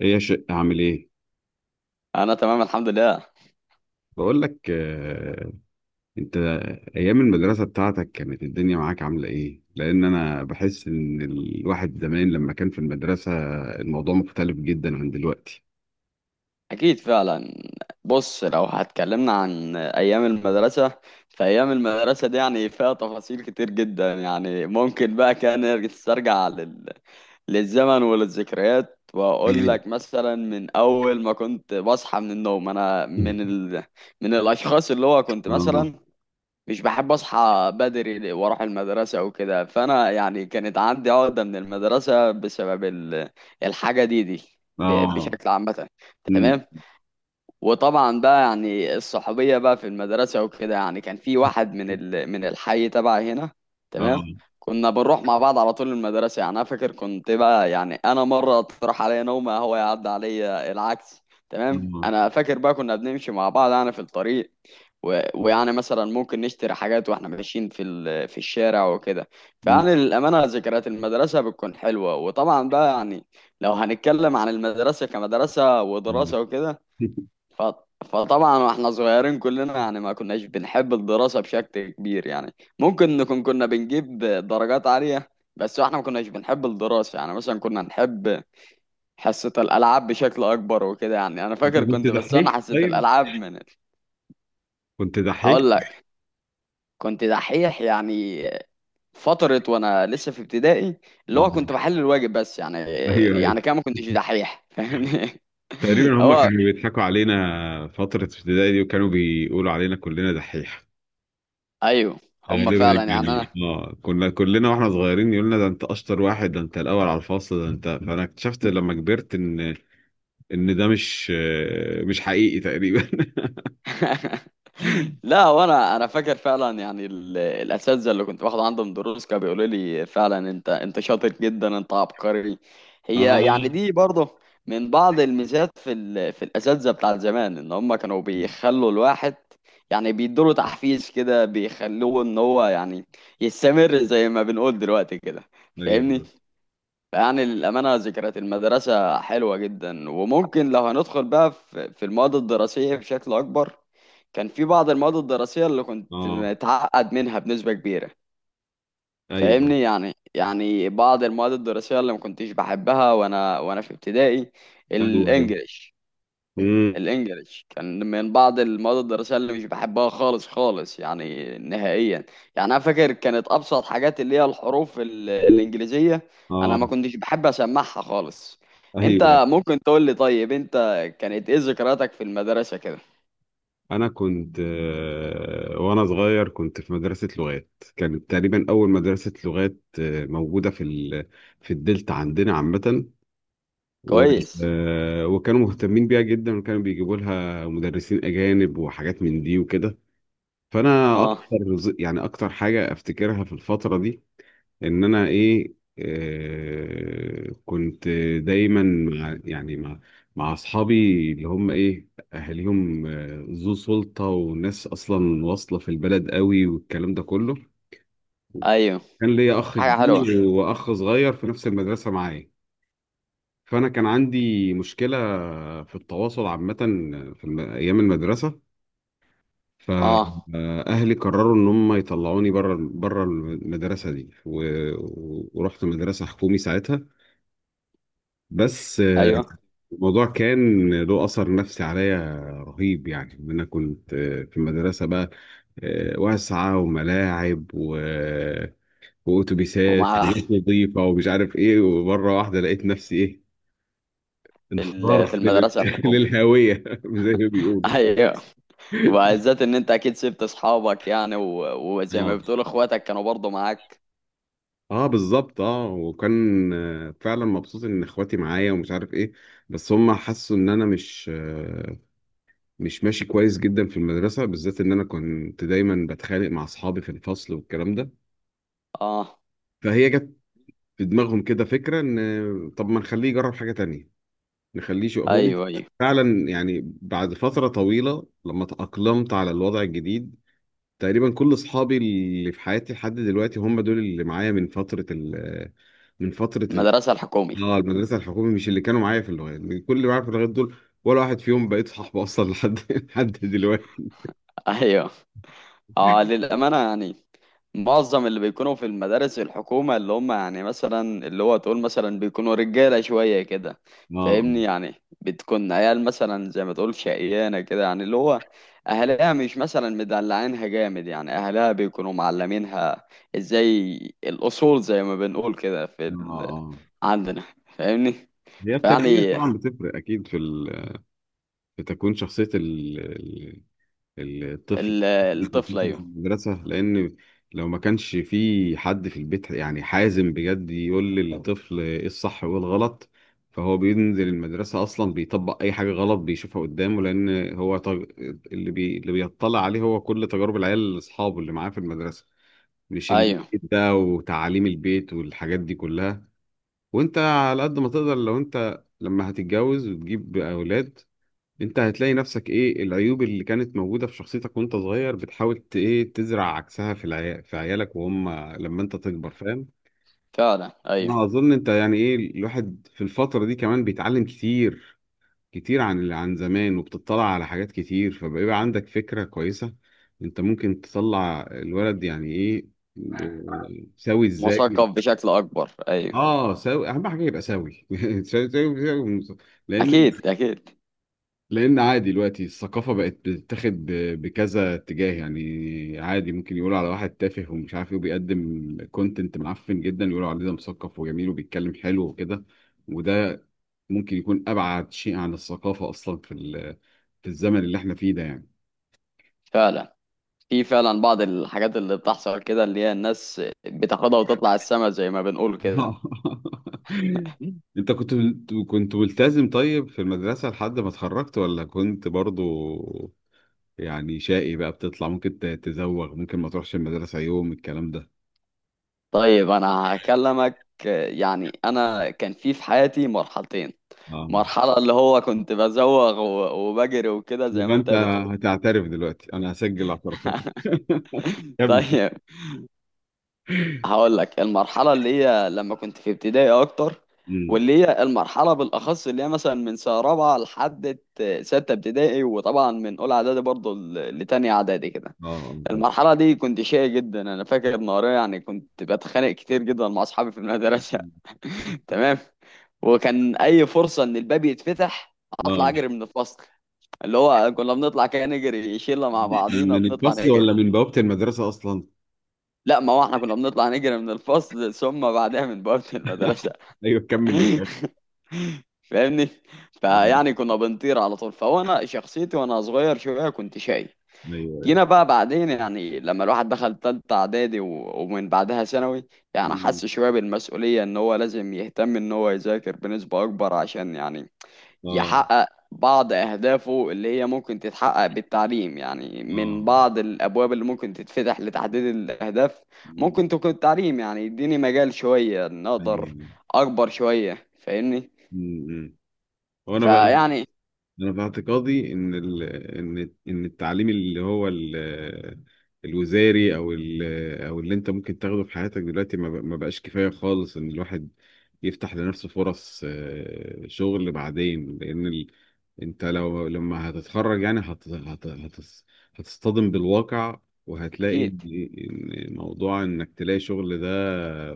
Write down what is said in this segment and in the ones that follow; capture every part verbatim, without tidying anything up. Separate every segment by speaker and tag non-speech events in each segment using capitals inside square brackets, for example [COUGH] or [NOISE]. Speaker 1: ايه يا شق؟ عامل ايه؟
Speaker 2: انا تمام الحمد لله.
Speaker 1: بقول لك، آه، انت، ايام المدرسه بتاعتك كانت الدنيا معاك عامله ايه؟ لان انا بحس ان الواحد زمان لما كان في المدرسه الموضوع مختلف جدا عن دلوقتي.
Speaker 2: اكيد فعلا. بص، لو هتكلمنا عن ايام المدرسه، فايام المدرسه دي يعني فيها تفاصيل كتير جدا، يعني ممكن بقى كان نسترجع لل... للزمن وللذكريات، واقول لك
Speaker 1: [LAUGHS]
Speaker 2: مثلا من اول ما كنت بصحى من النوم، انا من
Speaker 1: مم.
Speaker 2: ال... من الاشخاص اللي هو كنت
Speaker 1: اه
Speaker 2: مثلا مش بحب اصحى بدري واروح المدرسه وكده. فانا يعني كانت عندي عقده من المدرسه بسبب ال- الحاجه دي دي ب-
Speaker 1: اه.
Speaker 2: بشكل عامه.
Speaker 1: مم.
Speaker 2: تمام. وطبعا بقى يعني الصحوبية بقى في المدرسة وكده، يعني كان في واحد من ال... من الحي تبعي هنا.
Speaker 1: اه.
Speaker 2: تمام. كنا بنروح مع بعض على طول المدرسة، يعني أنا فاكر كنت بقى يعني أنا مرة تروح عليا نومة هو يعدي عليا، العكس تمام.
Speaker 1: مم.
Speaker 2: أنا فاكر بقى كنا بنمشي مع بعض يعني في الطريق و... ويعني مثلا ممكن نشتري حاجات واحنا ماشيين في ال... في الشارع وكده.
Speaker 1: مم.
Speaker 2: فيعني للأمانة ذكريات المدرسة بتكون حلوة. وطبعا بقى يعني لو هنتكلم عن المدرسة كمدرسة
Speaker 1: آه.
Speaker 2: ودراسة وكده
Speaker 1: [LAUGHS]
Speaker 2: ف... فطبعا واحنا صغيرين كلنا يعني ما كناش بنحب الدراسة بشكل كبير، يعني ممكن نكون كنا بنجيب درجات عالية بس واحنا ما كناش بنحب الدراسة، يعني مثلا كنا نحب حصة الألعاب بشكل أكبر وكده. يعني أنا
Speaker 1: أنت
Speaker 2: فاكر
Speaker 1: كنت
Speaker 2: كنت بستنى
Speaker 1: دحيح؟
Speaker 2: حصة
Speaker 1: طيب،
Speaker 2: الألعاب من ال-
Speaker 1: كنت دحيح.
Speaker 2: هقول لك، كنت دحيح يعني فترة وأنا لسه في ابتدائي، اللي
Speaker 1: اه،
Speaker 2: هو كنت بحل الواجب بس، يعني
Speaker 1: ايوه ايوه.
Speaker 2: يعني كده ما كنتش دحيح، فاهمني.
Speaker 1: تقريبا
Speaker 2: [LAUGHS]
Speaker 1: هم
Speaker 2: هو
Speaker 1: كانوا بيضحكوا علينا فتره ابتدائي دي، وكانوا بيقولوا علينا كلنا دحيح
Speaker 2: أيوه، هما
Speaker 1: غالبا.
Speaker 2: فعلا يعني
Speaker 1: يعني
Speaker 2: أنا.
Speaker 1: اه، كنا كلنا واحنا صغيرين يقولنا ده انت اشطر واحد، ده انت الاول على الفصل، ده انت، فانا اكتشفت لما كبرت ان ان ده مش آه، مش حقيقي تقريبا.
Speaker 2: لا، وانا انا فاكر فعلا يعني ال- الاساتذه اللي كنت باخد عندهم دروس كانوا بيقولوا لي فعلا انت انت شاطر جدا، انت عبقري. هي يعني
Speaker 1: [LAUGHS] اه
Speaker 2: دي برضه من بعض الميزات في ال... في الاساتذه بتاع زمان، ان هم كانوا بيخلوا الواحد، يعني بيدوله تحفيز كده، بيخلوه ان هو يعني يستمر زي ما بنقول دلوقتي كده،
Speaker 1: ايوه.
Speaker 2: فاهمني. يعني الأمانة ذكريات المدرسة حلوة جدا. وممكن لو هندخل بقى في في المواد الدراسية بشكل أكبر، كان في بعض المواد الدراسية اللي كنت
Speaker 1: اه
Speaker 2: متعقد منها بنسبة كبيرة.
Speaker 1: ايوه
Speaker 2: فاهمني يعني، يعني بعض المواد الدراسية اللي ما كنتش بحبها وأنا وأنا في ابتدائي،
Speaker 1: ايوه ايوه.
Speaker 2: الإنجليش.
Speaker 1: مم.
Speaker 2: الانجليش كان من بعض المواد الدراسيه اللي مش بحبها خالص خالص، يعني نهائيا. يعني انا فاكر كانت ابسط حاجات اللي هي الحروف ال- الانجليزيه انا
Speaker 1: اه
Speaker 2: ما كنتش بحب اسمعها خالص.
Speaker 1: ايوه أيوه.
Speaker 2: انت ممكن تقول لي، طيب انت كانت ايه ذكرياتك في المدرسه كده؟
Speaker 1: انا كنت، آه، وانا صغير كنت في مدرسه لغات. كانت تقريبا اول مدرسه لغات آه، موجوده في ال... في الدلتا عندنا عامه. و...
Speaker 2: كويس.
Speaker 1: آه، وكانوا مهتمين بيها جدا، وكانوا بيجيبوا لها مدرسين أجانب وحاجات من دي وكده. فأنا أكتر
Speaker 2: اه.
Speaker 1: ز- يعني أكتر حاجة أفتكرها في الفترة دي، إن أنا إيه، آه، كنت دايما مع، يعني مع مع أصحابي، اللي هم إيه أهاليهم آه، ذو سلطة، وناس أصلا واصلة في البلد قوي والكلام ده كله.
Speaker 2: ايوه،
Speaker 1: كان ليا أخ
Speaker 2: حاجه حلوه.
Speaker 1: كبير وأخ صغير في نفس المدرسة معايا. فأنا كان عندي مشكلة في التواصل عامة، في الم- أيام المدرسة،
Speaker 2: اه،
Speaker 1: فأهلي قرروا إن هم يطلعوني بره بره المدرسة دي، و- ورحت مدرسة حكومي ساعتها. بس
Speaker 2: ايوه.
Speaker 1: الموضوع كان له أثر نفسي عليا رهيب. يعني إن أنا كنت في المدرسة بقى، آه، واسعة وملاعب و وأتوبيسات
Speaker 2: ومع،
Speaker 1: وناس نظيفة ومش عارف إيه، ومرة واحدة لقيت نفسي إيه،
Speaker 2: في ال- في
Speaker 1: انحدرت لل-
Speaker 2: المدرسه
Speaker 1: [LAUGHS]
Speaker 2: الحكوميه.
Speaker 1: للهاوية، [LAUGHS] زي ما
Speaker 2: [LAUGHS]
Speaker 1: بيقولوا.
Speaker 2: ايوه. وبالذات ان انت اكيد سبت اصحابك يعني، و- وزي ما
Speaker 1: اه
Speaker 2: بتقول اخواتك كانوا برضو معاك.
Speaker 1: اه بالظبط. اه، وكان آه، فعلا مبسوط ان اخواتي معايا ومش عارف ايه. بس هم حسوا ان انا مش آه، مش ماشي كويس جدا في المدرسه، بالذات ان انا كنت دايما بتخانق مع اصحابي في الفصل والكلام ده.
Speaker 2: اه.
Speaker 1: فهي جت في دماغهم كده فكره ان، آه، طب ما نخليه يجرب حاجه تانية، نخليه شو هو أنا.
Speaker 2: ايوه ايوه.
Speaker 1: فعلا يعني بعد فتره طويله لما تاقلمت على الوضع الجديد، تقريبا كل اصحابي اللي في حياتي لحد دلوقتي هم دول اللي معايا من فتره ال من فترة
Speaker 2: المدرسه الحكومي.
Speaker 1: اه المدرسة الحكومي، مش اللي كانوا معايا في اللغات. كل اللي معايا في اللغات دول ولا واحد فيهم بقيت صاحبه أصلا لحد [LAUGHS] لحد دلوقتي.
Speaker 2: [LAUGHS] ايوه. اه للامانه يعني معظم اللي بيكونوا في المدارس الحكومه اللي هم يعني مثلا اللي هو تقول مثلا بيكونوا رجاله شويه كده.
Speaker 1: اه اه
Speaker 2: فاهمني يعني، بتكون عيال مثلا زي ما تقول شقيانه كده، يعني اللي هو اهلها مش مثلا مدلعينها جامد، يعني اهلها بيكونوا معلمينها ازاي الاصول زي ما بنقول كده في
Speaker 1: اه.
Speaker 2: ال...
Speaker 1: آه.
Speaker 2: عندنا، فاهمني.
Speaker 1: هي التربية
Speaker 2: فيعني
Speaker 1: طبعا بتفرق أكيد في ال... في تكوين شخصية ال... الطفل.
Speaker 2: ال-
Speaker 1: [LAUGHS]
Speaker 2: الطفل
Speaker 1: في
Speaker 2: ايوه.
Speaker 1: المدرسة، لأن لو ما كانش في حد في البيت يعني حازم بجد يقول للطفل إيه الصح وإيه الغلط، فهو بينزل المدرسة أصلا بيطبق أي حاجة غلط بيشوفها قدامه. لأن هو تج... اللي بي... اللي بيطلع عليه هو كل تجارب العيال أصحابه اللي معاه في المدرسة، مش اللي
Speaker 2: ايوه
Speaker 1: ده وتعاليم البيت والحاجات دي كلها. وأنت على قد ما تقدر، لو أنت لما هتتجوز وتجيب أولاد انت هتلاقي نفسك ايه العيوب اللي كانت موجودة في شخصيتك وانت صغير، بتحاول ت- ايه تزرع عكسها في العيا... في عيالك وهم لما انت تكبر، فاهم؟
Speaker 2: فعلا ايوه.
Speaker 1: انا اظن انت يعني ايه الواحد في الفترة دي كمان بيتعلم كتير كتير عن اللي عن زمان، وبتطلع على حاجات كتير، فبيبقى عندك فكرة كويسة انت ممكن تطلع الولد يعني ايه، اه، سوي ازاي.
Speaker 2: مثقف بشكل اكبر، ايوه.
Speaker 1: اه سوي، اهم حاجة يبقى سوي. [LAUGHS] سوي سوي سوي. لان
Speaker 2: اكيد اكيد.
Speaker 1: لان عادي دلوقتي الثقافه بقت بتتاخد ب- بكذا اتجاه. يعني عادي ممكن يقولوا على واحد تافه ومش عارف ايه وبيقدم كونتنت معفن جدا يقولوا عليه ده مثقف وجميل وبيتكلم حلو وكده. وده ممكن يكون ابعد شيء عن الثقافه اصلا في ال- في الزمن اللي احنا فيه ده يعني.
Speaker 2: فعلا، في فعلا بعض الحاجات اللي بتحصل كده اللي هي الناس بتاخدها وتطلع السما زي ما بنقول كده.
Speaker 1: [LAUGHS] انت كنت كنت ملتزم طيب في المدرسه لحد ما اتخرجت؟ ولا كنت برضو يعني شقي بقى بتطلع، ممكن ت- تزوغ، ممكن ما تروحش المدرسه يوم الكلام ده؟
Speaker 2: طيب انا هكلمك، يعني انا كان في في حياتي مرحلتين.
Speaker 1: اه،
Speaker 2: مرحلة اللي هو كنت بزوغ و- وبجري وكده زي
Speaker 1: يبقى
Speaker 2: ما انت
Speaker 1: انت
Speaker 2: بتقول.
Speaker 1: هتعترف دلوقتي، انا هسجل اعترافاتك. [LAUGHS]
Speaker 2: [LAUGHS]
Speaker 1: كمل.
Speaker 2: طيب، هقول لك المرحلة اللي هي لما كنت في ابتدائي أكتر،
Speaker 1: أمم.
Speaker 2: واللي هي المرحلة بالأخص اللي هي مثلا من سنة رابعة لحد ستة ابتدائي، وطبعا من أولى إعدادي برضه ل- لتانية إعدادي كده.
Speaker 1: اه طب.
Speaker 2: المرحلة دي كنت شقي جدا، أنا فاكر نهارية يعني كنت بتخانق كتير جدا مع أصحابي في المدرسة. [LAUGHS] تمام. وكان أي فرصة إن الباب يتفتح أطلع
Speaker 1: اه،
Speaker 2: أجري من الفصل، اللي هو كنا بنطلع كده نجري شلة مع بعضينا
Speaker 1: من
Speaker 2: بنطلع
Speaker 1: الفصل ولا
Speaker 2: نجري.
Speaker 1: من بوابة المدرسة اصلا؟
Speaker 2: لا، ما هو احنا كنا بنطلع نجري من الفصل ثم بعدها من بوابة المدرسة.
Speaker 1: [LAUGHS] ايوه كمل للآخر.
Speaker 2: [LAUGHS] فاهمني.
Speaker 1: اه
Speaker 2: فيعني كنا بنطير على طول. فهو انا شخصيتي وانا صغير شوية كنت شاي.
Speaker 1: ايوه ايوه.
Speaker 2: جينا بقى بعدين يعني لما الواحد دخل تالتة اعدادي و- ومن بعدها ثانوي، يعني
Speaker 1: أمم.
Speaker 2: حس شوية بالمسؤولية ان هو لازم يهتم ان هو يذاكر بنسبة اكبر، عشان يعني
Speaker 1: اه
Speaker 2: يحقق بعض أهدافه اللي هي ممكن تتحقق بالتعليم، يعني
Speaker 1: اه.
Speaker 2: من بعض الأبواب اللي ممكن تتفتح لتحديد الأهداف.
Speaker 1: أمم.
Speaker 2: ممكن تكون التعليم يعني يديني مجال شوية
Speaker 1: ايوه.
Speaker 2: نقدر
Speaker 1: أمم.
Speaker 2: أكبر شوية، فاهمني.
Speaker 1: أمم. وانا بقى،
Speaker 2: فيعني
Speaker 1: انا في اعتقادي ان ال... ان ان التعليم، اللي هو ال... الوزاري او ال... او اللي انت ممكن تاخده في حياتك دلوقتي، ما, ب... ما بقاش كفايه خالص ان الواحد يفتح لنفسه فرص آه، شغل بعدين، لان ال... انت لو لما هتتخرج يعني هت... هت... هت... هتصطدم بالواقع، وهتلاقي
Speaker 2: أكيد.
Speaker 1: ان إن موضوع انك تلاقي شغل ده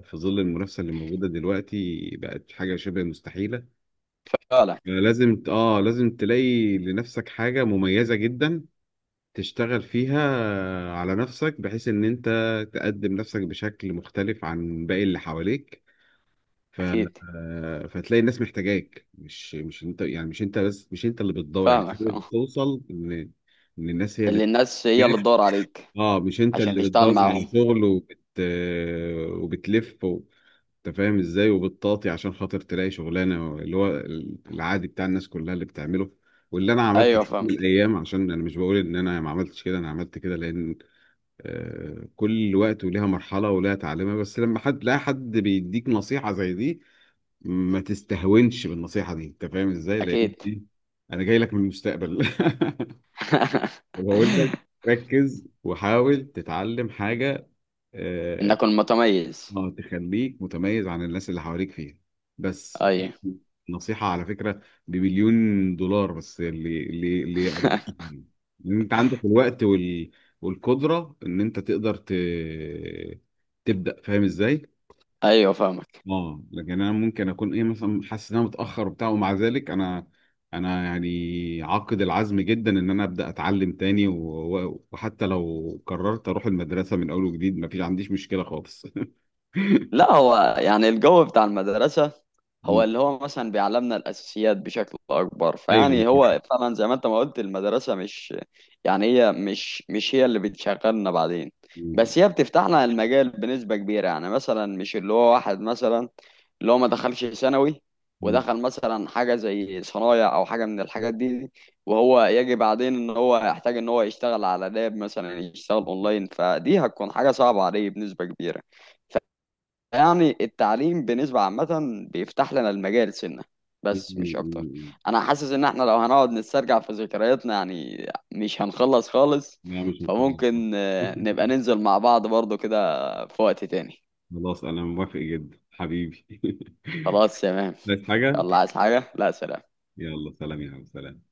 Speaker 1: في ظل المنافسه اللي موجوده دلوقتي بقت حاجه شبه مستحيله.
Speaker 2: فعلا.
Speaker 1: لازم ت- اه لازم تلاقي لنفسك حاجة مميزة جدا تشتغل فيها على نفسك، بحيث ان انت تقدم نفسك بشكل مختلف عن باقي اللي حواليك. ف...
Speaker 2: أكيد.
Speaker 1: آه، فتلاقي الناس محتاجاك، مش مش انت يعني، مش انت بس، مش انت اللي بتدور. يعني في
Speaker 2: فاهمك
Speaker 1: ناس
Speaker 2: أه.
Speaker 1: بتوصل ان ان الناس هي اللي
Speaker 2: اللي الناس هي اللي
Speaker 1: تحتاجك،
Speaker 2: تدور عليك
Speaker 1: اه، مش انت
Speaker 2: عشان
Speaker 1: اللي
Speaker 2: تشتغل
Speaker 1: بتدور
Speaker 2: معاهم.
Speaker 1: على شغل وبت... وبتلف انت فاهم ازاي، وبتطاطي عشان خاطر تلاقي شغلانه اللي هو العادي بتاع الناس كلها اللي بتعمله، واللي انا عملته
Speaker 2: أيوه
Speaker 1: في يوم من
Speaker 2: فاهمك.
Speaker 1: الايام. عشان انا مش بقول ان انا ما عملتش كده، انا عملت كده، لان آه، كل وقت وليها مرحله وليها تعليمها. بس لما حد، لا، حد بيديك نصيحه زي دي ما تستهونش بالنصيحه دي انت فاهم ازاي، لان
Speaker 2: أكيد.
Speaker 1: دي، انا جاي لك من المستقبل. [LAUGHS] وبقول لك
Speaker 2: [LAUGHS]
Speaker 1: ركز وحاول تتعلم حاجه آه،
Speaker 2: إنك المتميز.
Speaker 1: اه تخليك متميز عن الناس اللي حواليك فيها. بس
Speaker 2: أيوه.
Speaker 1: نصيحة على فكرة بمليون دولار، بس اللي اللي اللي
Speaker 2: [LAUGHS]
Speaker 1: إن انت عندك الوقت وال... والقدرة ان انت تقدر ت... تبدأ، فاهم ازاي؟
Speaker 2: أيوه فاهمك.
Speaker 1: اه، لكن انا ممكن اكون ايه مثلا حاسس ان انا متاخر وبتاع، ومع ذلك انا انا يعني عاقد العزم جدا ان انا ابدا اتعلم تاني، و... و- وحتى لو قررت اروح المدرسه من اول وجديد ما فيش عنديش مشكله خالص.
Speaker 2: لا، هو يعني الجو بتاع المدرسة هو اللي
Speaker 1: [LAUGHS]
Speaker 2: هو مثلا بيعلمنا الأساسيات بشكل أكبر.
Speaker 1: ايوه أنا
Speaker 2: فيعني
Speaker 1: فاكر.
Speaker 2: هو فعلا زي ما أنت ما قلت، المدرسة مش يعني هي، مش مش هي اللي بتشغلنا بعدين،
Speaker 1: م-
Speaker 2: بس هي بتفتح لنا المجال بنسبة كبيرة. يعني مثلا مش اللي هو واحد مثلا اللي هو ما دخلش ثانوي
Speaker 1: م-
Speaker 2: ودخل مثلا حاجة زي صنايع أو حاجة من الحاجات دي، وهو يجي بعدين إن هو يحتاج إن هو يشتغل على لاب مثلا، يشتغل أونلاين، فدي هتكون حاجة صعبة عليه بنسبة كبيرة. يعني التعليم بنسبة عامة بيفتح لنا المجال سنة
Speaker 1: م- م-
Speaker 2: بس مش أكتر.
Speaker 1: م.
Speaker 2: أنا حاسس إن إحنا لو هنقعد نسترجع في ذكرياتنا يعني مش هنخلص خالص.
Speaker 1: لا مش مقيد صح.
Speaker 2: فممكن آه، نبقى
Speaker 1: [LAUGHS]
Speaker 2: ننزل مع بعض برضو كده في وقت تاني.
Speaker 1: خلاص انا موافق جدا حبيبي. [LAUGHS]
Speaker 2: خلاص تمام.
Speaker 1: عايز حاجه؟
Speaker 2: يلا عايز حاجة؟ لا سلام.
Speaker 1: يلا سلام يا عم، سلام.